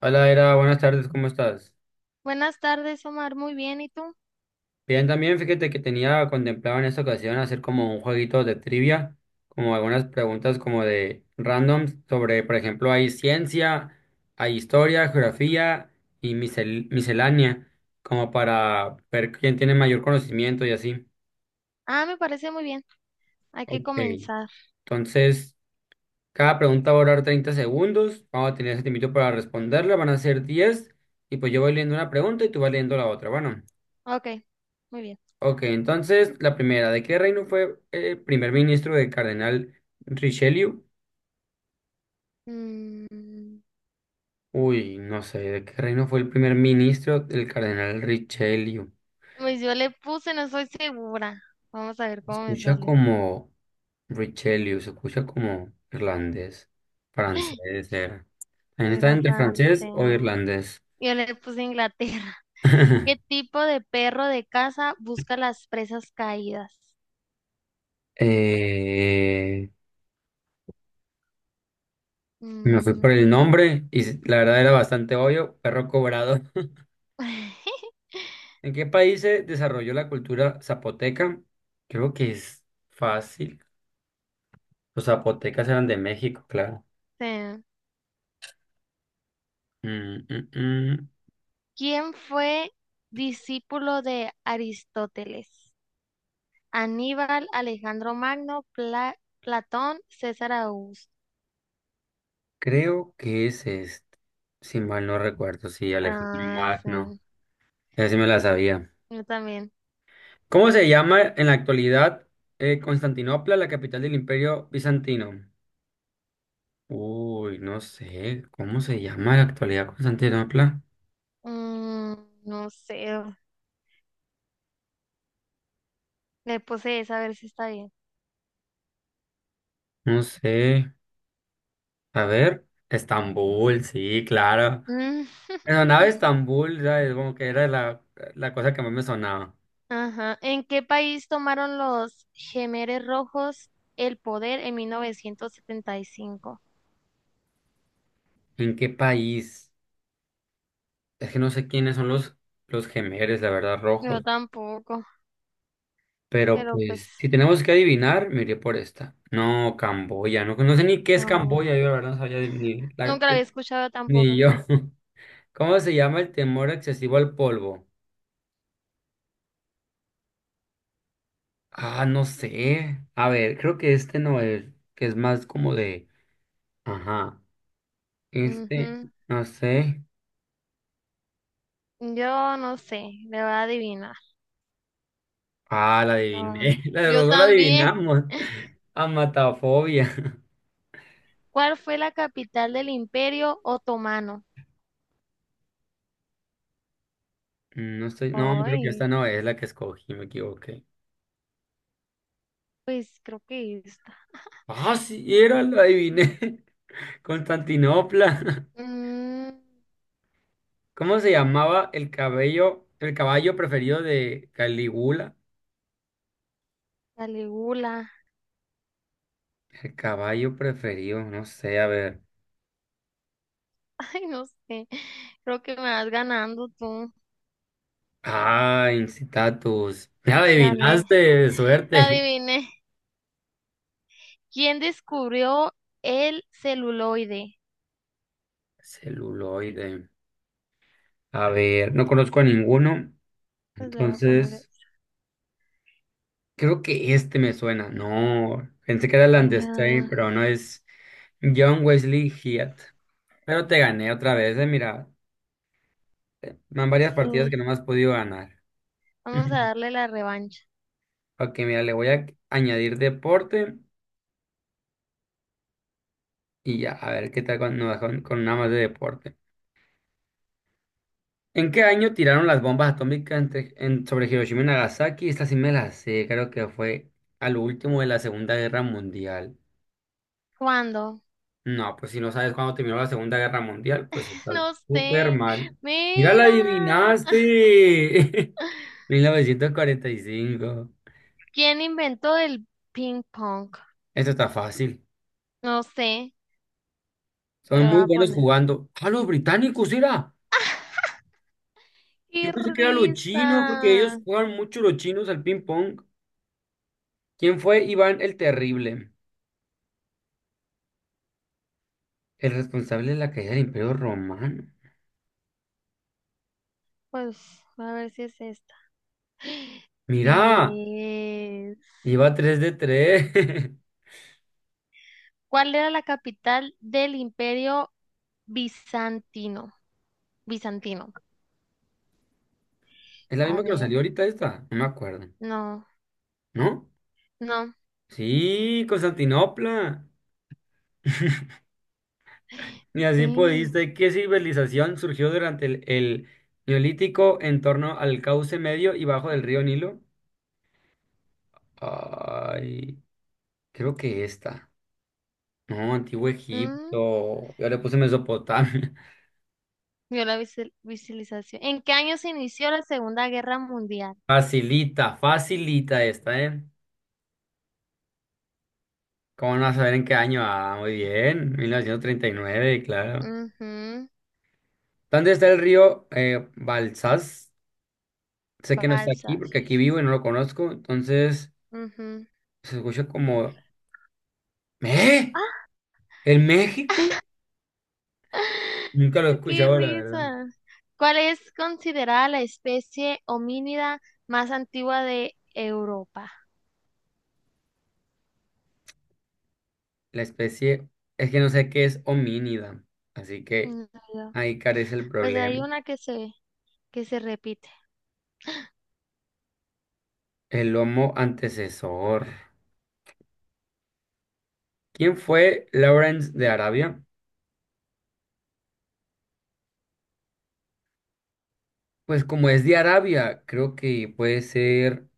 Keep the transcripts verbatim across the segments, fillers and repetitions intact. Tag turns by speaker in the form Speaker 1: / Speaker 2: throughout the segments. Speaker 1: Hola, Era, buenas tardes, ¿cómo estás?
Speaker 2: Buenas tardes, Omar. Muy bien, ¿y tú?
Speaker 1: Bien, también fíjate que tenía contemplado en esta ocasión hacer como un jueguito de trivia, como algunas preguntas como de random sobre, por ejemplo, hay ciencia, hay historia, geografía y misel- miscelánea, como para ver quién tiene mayor conocimiento y así.
Speaker 2: Ah, me parece muy bien. Hay que
Speaker 1: Ok,
Speaker 2: comenzar.
Speaker 1: entonces cada pregunta va a durar treinta segundos, vamos a tener ese tiempo para responderla, van a ser diez y pues yo voy leyendo una pregunta y tú vas leyendo la otra, bueno.
Speaker 2: Ok, muy bien.
Speaker 1: Ok, entonces la primera, ¿de qué reino fue el primer ministro del cardenal Richelieu?
Speaker 2: Mm,
Speaker 1: Uy, no sé, ¿de qué reino fue el primer ministro del cardenal Richelieu?
Speaker 2: pues yo le puse, no soy segura. Vamos a ver
Speaker 1: Se
Speaker 2: cómo me
Speaker 1: escucha
Speaker 2: sale.
Speaker 1: como Richelieu, se escucha como irlandés, francés era. También está
Speaker 2: Era
Speaker 1: entre francés o
Speaker 2: francés.
Speaker 1: irlandés.
Speaker 2: Yo le puse Inglaterra. ¿Qué tipo de perro de casa busca las presas caídas?
Speaker 1: Eh, Me fui por el
Speaker 2: Mm,
Speaker 1: nombre y s- la verdad era bastante obvio, perro cobrado. ¿En qué país se desarrolló la cultura zapoteca? Creo que es fácil. Los zapotecas eran de México, claro.
Speaker 2: sí.
Speaker 1: Mm, mm, mm.
Speaker 2: ¿Quién fue discípulo de Aristóteles? Aníbal, Alejandro Magno, Pla- Platón, César Augusto.
Speaker 1: Creo que es este. Si mal no recuerdo, sí, Alejandro
Speaker 2: Ah,
Speaker 1: Magno.
Speaker 2: sí,
Speaker 1: Esa sí me la sabía.
Speaker 2: yo también.
Speaker 1: ¿Cómo se llama en la actualidad eh, Constantinopla, la capital del Imperio Bizantino? Uy, no sé. ¿Cómo se llama en la actualidad Constantinopla?
Speaker 2: Mm, no sé, le puse esa a ver si está bien.
Speaker 1: No sé. A ver. Estambul, sí, claro.
Speaker 2: Mm,
Speaker 1: Me sonaba Estambul, ¿sabes? Como que era la, la cosa que más me sonaba.
Speaker 2: ajá. ¿En qué país tomaron los Jemeres Rojos el poder en mil novecientos setenta y cinco?
Speaker 1: ¿En qué país? Es que no sé quiénes son los, los gemeres, la verdad,
Speaker 2: Yo
Speaker 1: rojos.
Speaker 2: tampoco,
Speaker 1: Pero
Speaker 2: pero pues,
Speaker 1: pues, si tenemos que adivinar, me iré por esta. No, Camboya. No, no sé ni qué es
Speaker 2: vamos.
Speaker 1: Camboya, yo la verdad no sabía ni, la-
Speaker 2: Nunca la había escuchado
Speaker 1: ni
Speaker 2: tampoco.
Speaker 1: yo. ¿Cómo se llama el temor excesivo al polvo? Ah, no sé. A ver, creo que este no es, que es más como de... Ajá. Este,
Speaker 2: Ujú.
Speaker 1: no sé.
Speaker 2: Yo no sé, le voy a adivinar.
Speaker 1: Ah, la adiviné.
Speaker 2: Ah,
Speaker 1: La de
Speaker 2: yo
Speaker 1: los dos la
Speaker 2: también.
Speaker 1: adivinamos. Amatafobia.
Speaker 2: ¿Cuál fue la capital del Imperio Otomano?
Speaker 1: Mm, no estoy, no, creo que
Speaker 2: Ay,
Speaker 1: esta no es la que escogí, me equivoqué.
Speaker 2: pues creo que esta.
Speaker 1: Ah, sí, era, la adiviné. Constantinopla.
Speaker 2: Mm,
Speaker 1: ¿Cómo se llamaba el cabello, el caballo preferido de Calígula?
Speaker 2: Caligula.
Speaker 1: El caballo preferido, no sé, a ver.
Speaker 2: Ay, no sé. Creo que me vas ganando tú.
Speaker 1: Ah, Incitatus. Ya
Speaker 2: Gané.
Speaker 1: adivinaste,
Speaker 2: La
Speaker 1: suerte.
Speaker 2: adiviné. ¿Quién descubrió el celuloide?
Speaker 1: Celuloide. A ver, no conozco a ninguno.
Speaker 2: Pues le voy a poner.
Speaker 1: Entonces,
Speaker 2: eso.
Speaker 1: creo que este me suena. No, pensé que era el Landestay,
Speaker 2: Ah,
Speaker 1: pero no es. John Wesley Hyatt. Pero te gané otra vez, eh, mira. eh, Van varias partidas que
Speaker 2: sí.
Speaker 1: no me has podido ganar.
Speaker 2: Vamos a darle la revancha.
Speaker 1: Ok, mira, le voy a añadir deporte y ya, a ver qué tal con, nos va con, con una más de deporte. ¿En qué año tiraron las bombas atómicas entre- en- sobre Hiroshima y Nagasaki? Esta sí me la sé, creo que fue al último de la Segunda Guerra Mundial.
Speaker 2: ¿Cuándo?
Speaker 1: No, pues si no sabes cuándo terminó la Segunda Guerra Mundial, pues está
Speaker 2: No
Speaker 1: súper
Speaker 2: sé.
Speaker 1: mal. Mira, la
Speaker 2: Mira.
Speaker 1: adivinaste. mil novecientos cuarenta y cinco.
Speaker 2: ¿Quién inventó el ping pong?
Speaker 1: Esto está fácil.
Speaker 2: No sé. Te
Speaker 1: Son
Speaker 2: lo voy
Speaker 1: muy
Speaker 2: a
Speaker 1: buenos
Speaker 2: poner.
Speaker 1: jugando. Ah, los británicos, era. Yo
Speaker 2: ¡Qué
Speaker 1: pensé que eran los chinos, porque
Speaker 2: risa!
Speaker 1: ellos juegan mucho los chinos al ping pong. ¿Quién fue Iván el Terrible? El responsable de la caída del Imperio Romano.
Speaker 2: Pues a ver si es esta.
Speaker 1: Mira,
Speaker 2: Sí es.
Speaker 1: iba tres de tres.
Speaker 2: ¿Cuál era la capital del Imperio Bizantino? Bizantino.
Speaker 1: Es la
Speaker 2: A
Speaker 1: misma que nos
Speaker 2: ver,
Speaker 1: salió ahorita esta. No me acuerdo.
Speaker 2: no,
Speaker 1: ¿No?
Speaker 2: no.
Speaker 1: Sí, Constantinopla. Y así
Speaker 2: Sí.
Speaker 1: pudiste. ¿Qué civilización surgió durante el, el Neolítico en torno al cauce medio y bajo del río Nilo? Ay. Creo que esta. No, Antiguo
Speaker 2: Mm,
Speaker 1: Egipto. Yo le puse Mesopotamia.
Speaker 2: vio la visi- visualización. ¿En qué año se inició la Segunda Guerra Mundial?
Speaker 1: Facilita, facilita esta, ¿eh? ¿Cómo no vas a saber en qué año? Ah, muy bien. Mil novecientos treinta y nueve, claro.
Speaker 2: Ujú,
Speaker 1: ¿Dónde está el río eh, Balsas? Sé que no está aquí
Speaker 2: Balsas.
Speaker 1: porque aquí vivo y no lo conozco. Entonces,
Speaker 2: Ujú.
Speaker 1: se escucha como... ¿Eh? ¿El México? Nunca lo he
Speaker 2: Qué
Speaker 1: escuchado, la verdad.
Speaker 2: risa. ¿Cuál es considerada la especie homínida más antigua de Europa?
Speaker 1: La especie, es que no sé qué es homínida. Así que
Speaker 2: Mm, no, yo-
Speaker 1: ahí carece el
Speaker 2: pues hay
Speaker 1: problema.
Speaker 2: una que se, que se, repite.
Speaker 1: El lomo antecesor. ¿Quién fue Lawrence de Arabia? Pues como es de Arabia, creo que puede ser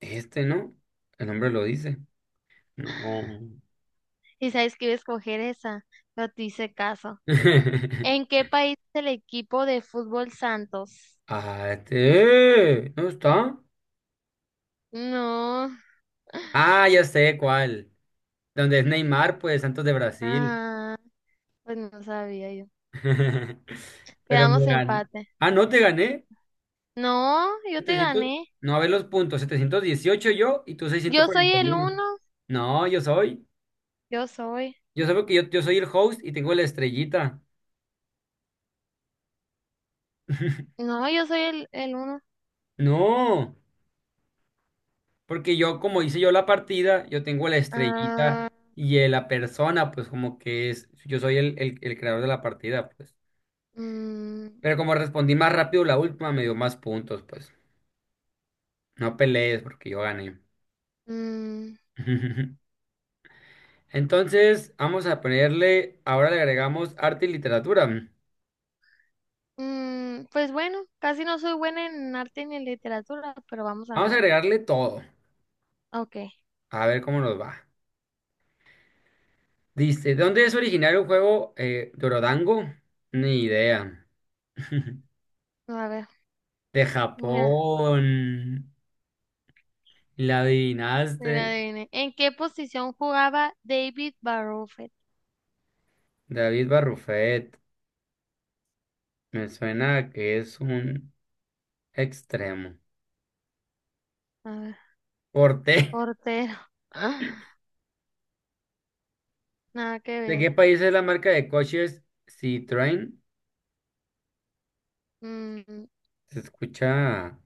Speaker 1: este, ¿no? El nombre lo dice. No. Oh.
Speaker 2: Y sabes que iba a escoger esa, no te hice caso. ¿En qué país es el equipo de fútbol Santos?
Speaker 1: Ah, este. ¿No está?
Speaker 2: No.
Speaker 1: Ah, ya sé cuál. Donde es Neymar, pues Santos de Brasil.
Speaker 2: Ah, pues no sabía yo.
Speaker 1: Pero
Speaker 2: Quedamos
Speaker 1: me gan-
Speaker 2: empate.
Speaker 1: ah, no te gané.
Speaker 2: No, yo te
Speaker 1: setecientos.
Speaker 2: gané.
Speaker 1: No, a ver los puntos. setecientos dieciocho yo y tú
Speaker 2: Yo soy el
Speaker 1: seiscientos cuarenta y uno.
Speaker 2: uno.
Speaker 1: No, yo soy.
Speaker 2: Yo soy.
Speaker 1: Yo solo que yo, yo soy el host y tengo la estrellita.
Speaker 2: No, yo soy el, el uno.
Speaker 1: No, porque yo, como hice yo la partida, yo tengo la estrellita
Speaker 2: Ah.
Speaker 1: y eh, la persona, pues como que es, yo soy el, el, el creador de la partida, pues.
Speaker 2: Mm,
Speaker 1: Pero como respondí más rápido la última, me dio más puntos, pues. No pelees porque yo gané.
Speaker 2: mm,
Speaker 1: Entonces, vamos a ponerle, ahora le agregamos arte y literatura.
Speaker 2: mm, pues bueno, casi no soy buena en arte ni en literatura, pero vamos a
Speaker 1: Vamos a
Speaker 2: ver.
Speaker 1: agregarle todo,
Speaker 2: Ok,
Speaker 1: a ver cómo nos va. Dice, ¿de dónde es originario el juego eh, Dorodango? Ni idea.
Speaker 2: a ver,
Speaker 1: De
Speaker 2: mira,
Speaker 1: Japón. La
Speaker 2: mira,
Speaker 1: adivinaste.
Speaker 2: adivine. ¿En qué posición jugaba David Barofet?
Speaker 1: David Barrufet. Me suena a que es un extremo.
Speaker 2: A ver,
Speaker 1: Porte.
Speaker 2: portero. Ah, nada que
Speaker 1: ¿De qué
Speaker 2: ver.
Speaker 1: país es la marca de coches Citroën?
Speaker 2: Mm,
Speaker 1: Se escucha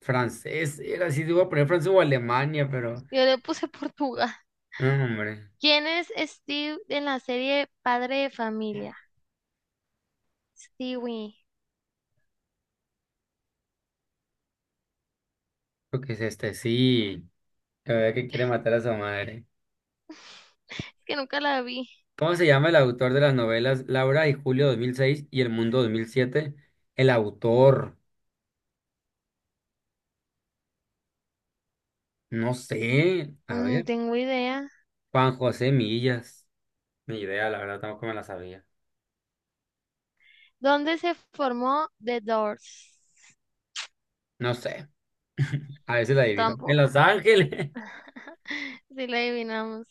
Speaker 1: francés. Era si iba a poner francés o Alemania, pero.
Speaker 2: yo le puse Portugal.
Speaker 1: No, hombre.
Speaker 2: ¿Quién es Steve en la serie Padre de Familia? Stewie.
Speaker 1: Creo que es este. Sí. La verdad que quiere matar a su madre.
Speaker 2: que nunca la vi.
Speaker 1: ¿Cómo se llama el autor de las novelas Laura y Julio dos mil seis y El Mundo dos mil siete? El autor. No sé. A
Speaker 2: No
Speaker 1: ver.
Speaker 2: tengo idea.
Speaker 1: Juan José Millas. Ni idea, la verdad, tampoco me la sabía.
Speaker 2: ¿Dónde se formó The Doors?
Speaker 1: No sé. A veces la adivino. En
Speaker 2: Tampoco.
Speaker 1: Los Ángeles.
Speaker 2: Si la adivinamos.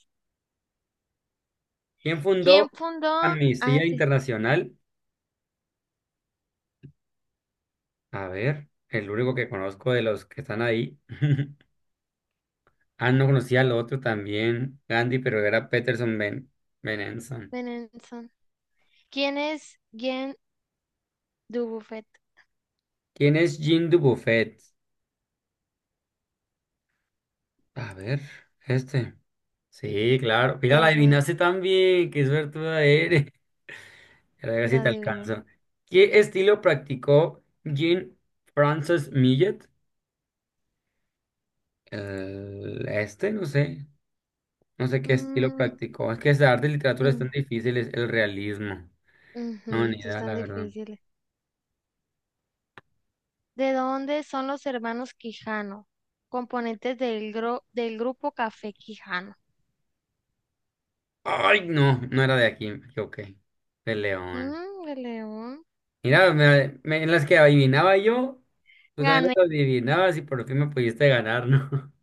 Speaker 1: ¿Quién
Speaker 2: ¿Quién
Speaker 1: fundó
Speaker 2: fundó? Ah,
Speaker 1: Amnistía
Speaker 2: sí,
Speaker 1: Internacional? A ver. El único que conozco de los que están ahí. Ah, no conocía al otro también. Gandhi, pero era Peterson Ben Benenson.
Speaker 2: Benenson. ¿Quién es Jean Dubuffet?
Speaker 1: ¿Quién es Jean Dubuffet? A ver. Este. Sí, claro. Mira, la
Speaker 2: Eh,
Speaker 1: adivinaste también. Qué suertuda eres. A ver si
Speaker 2: la
Speaker 1: te
Speaker 2: adiviné.
Speaker 1: alcanzo. ¿Qué estilo practicó Jean-Francis Millet? El este, no sé. No sé qué estilo
Speaker 2: Mm,
Speaker 1: practicó. Es que esa arte y literatura es
Speaker 2: mm,
Speaker 1: tan difícil, es el realismo. No,
Speaker 2: ujú,
Speaker 1: ni
Speaker 2: sí,
Speaker 1: idea,
Speaker 2: están
Speaker 1: la verdad.
Speaker 2: difíciles. ¿De dónde son los hermanos Quijano? Componentes del, gro- del grupo Café Quijano.
Speaker 1: Ay, no, no era de aquí, me equivoqué. De León.
Speaker 2: Mm, de León.
Speaker 1: Mira, me- me- en las que adivinaba yo, tú también
Speaker 2: Gané,
Speaker 1: las adivinabas y por fin me pudiste ganar, ¿no?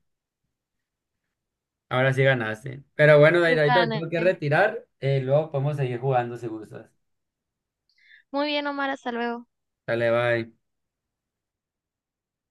Speaker 1: Ahora sí ganaste. Pero bueno, Daira, ahorita me tengo que
Speaker 2: gané.
Speaker 1: retirar. Eh, luego podemos seguir jugando si gustas.
Speaker 2: Muy bien, Omar, hasta luego.
Speaker 1: Dale, bye.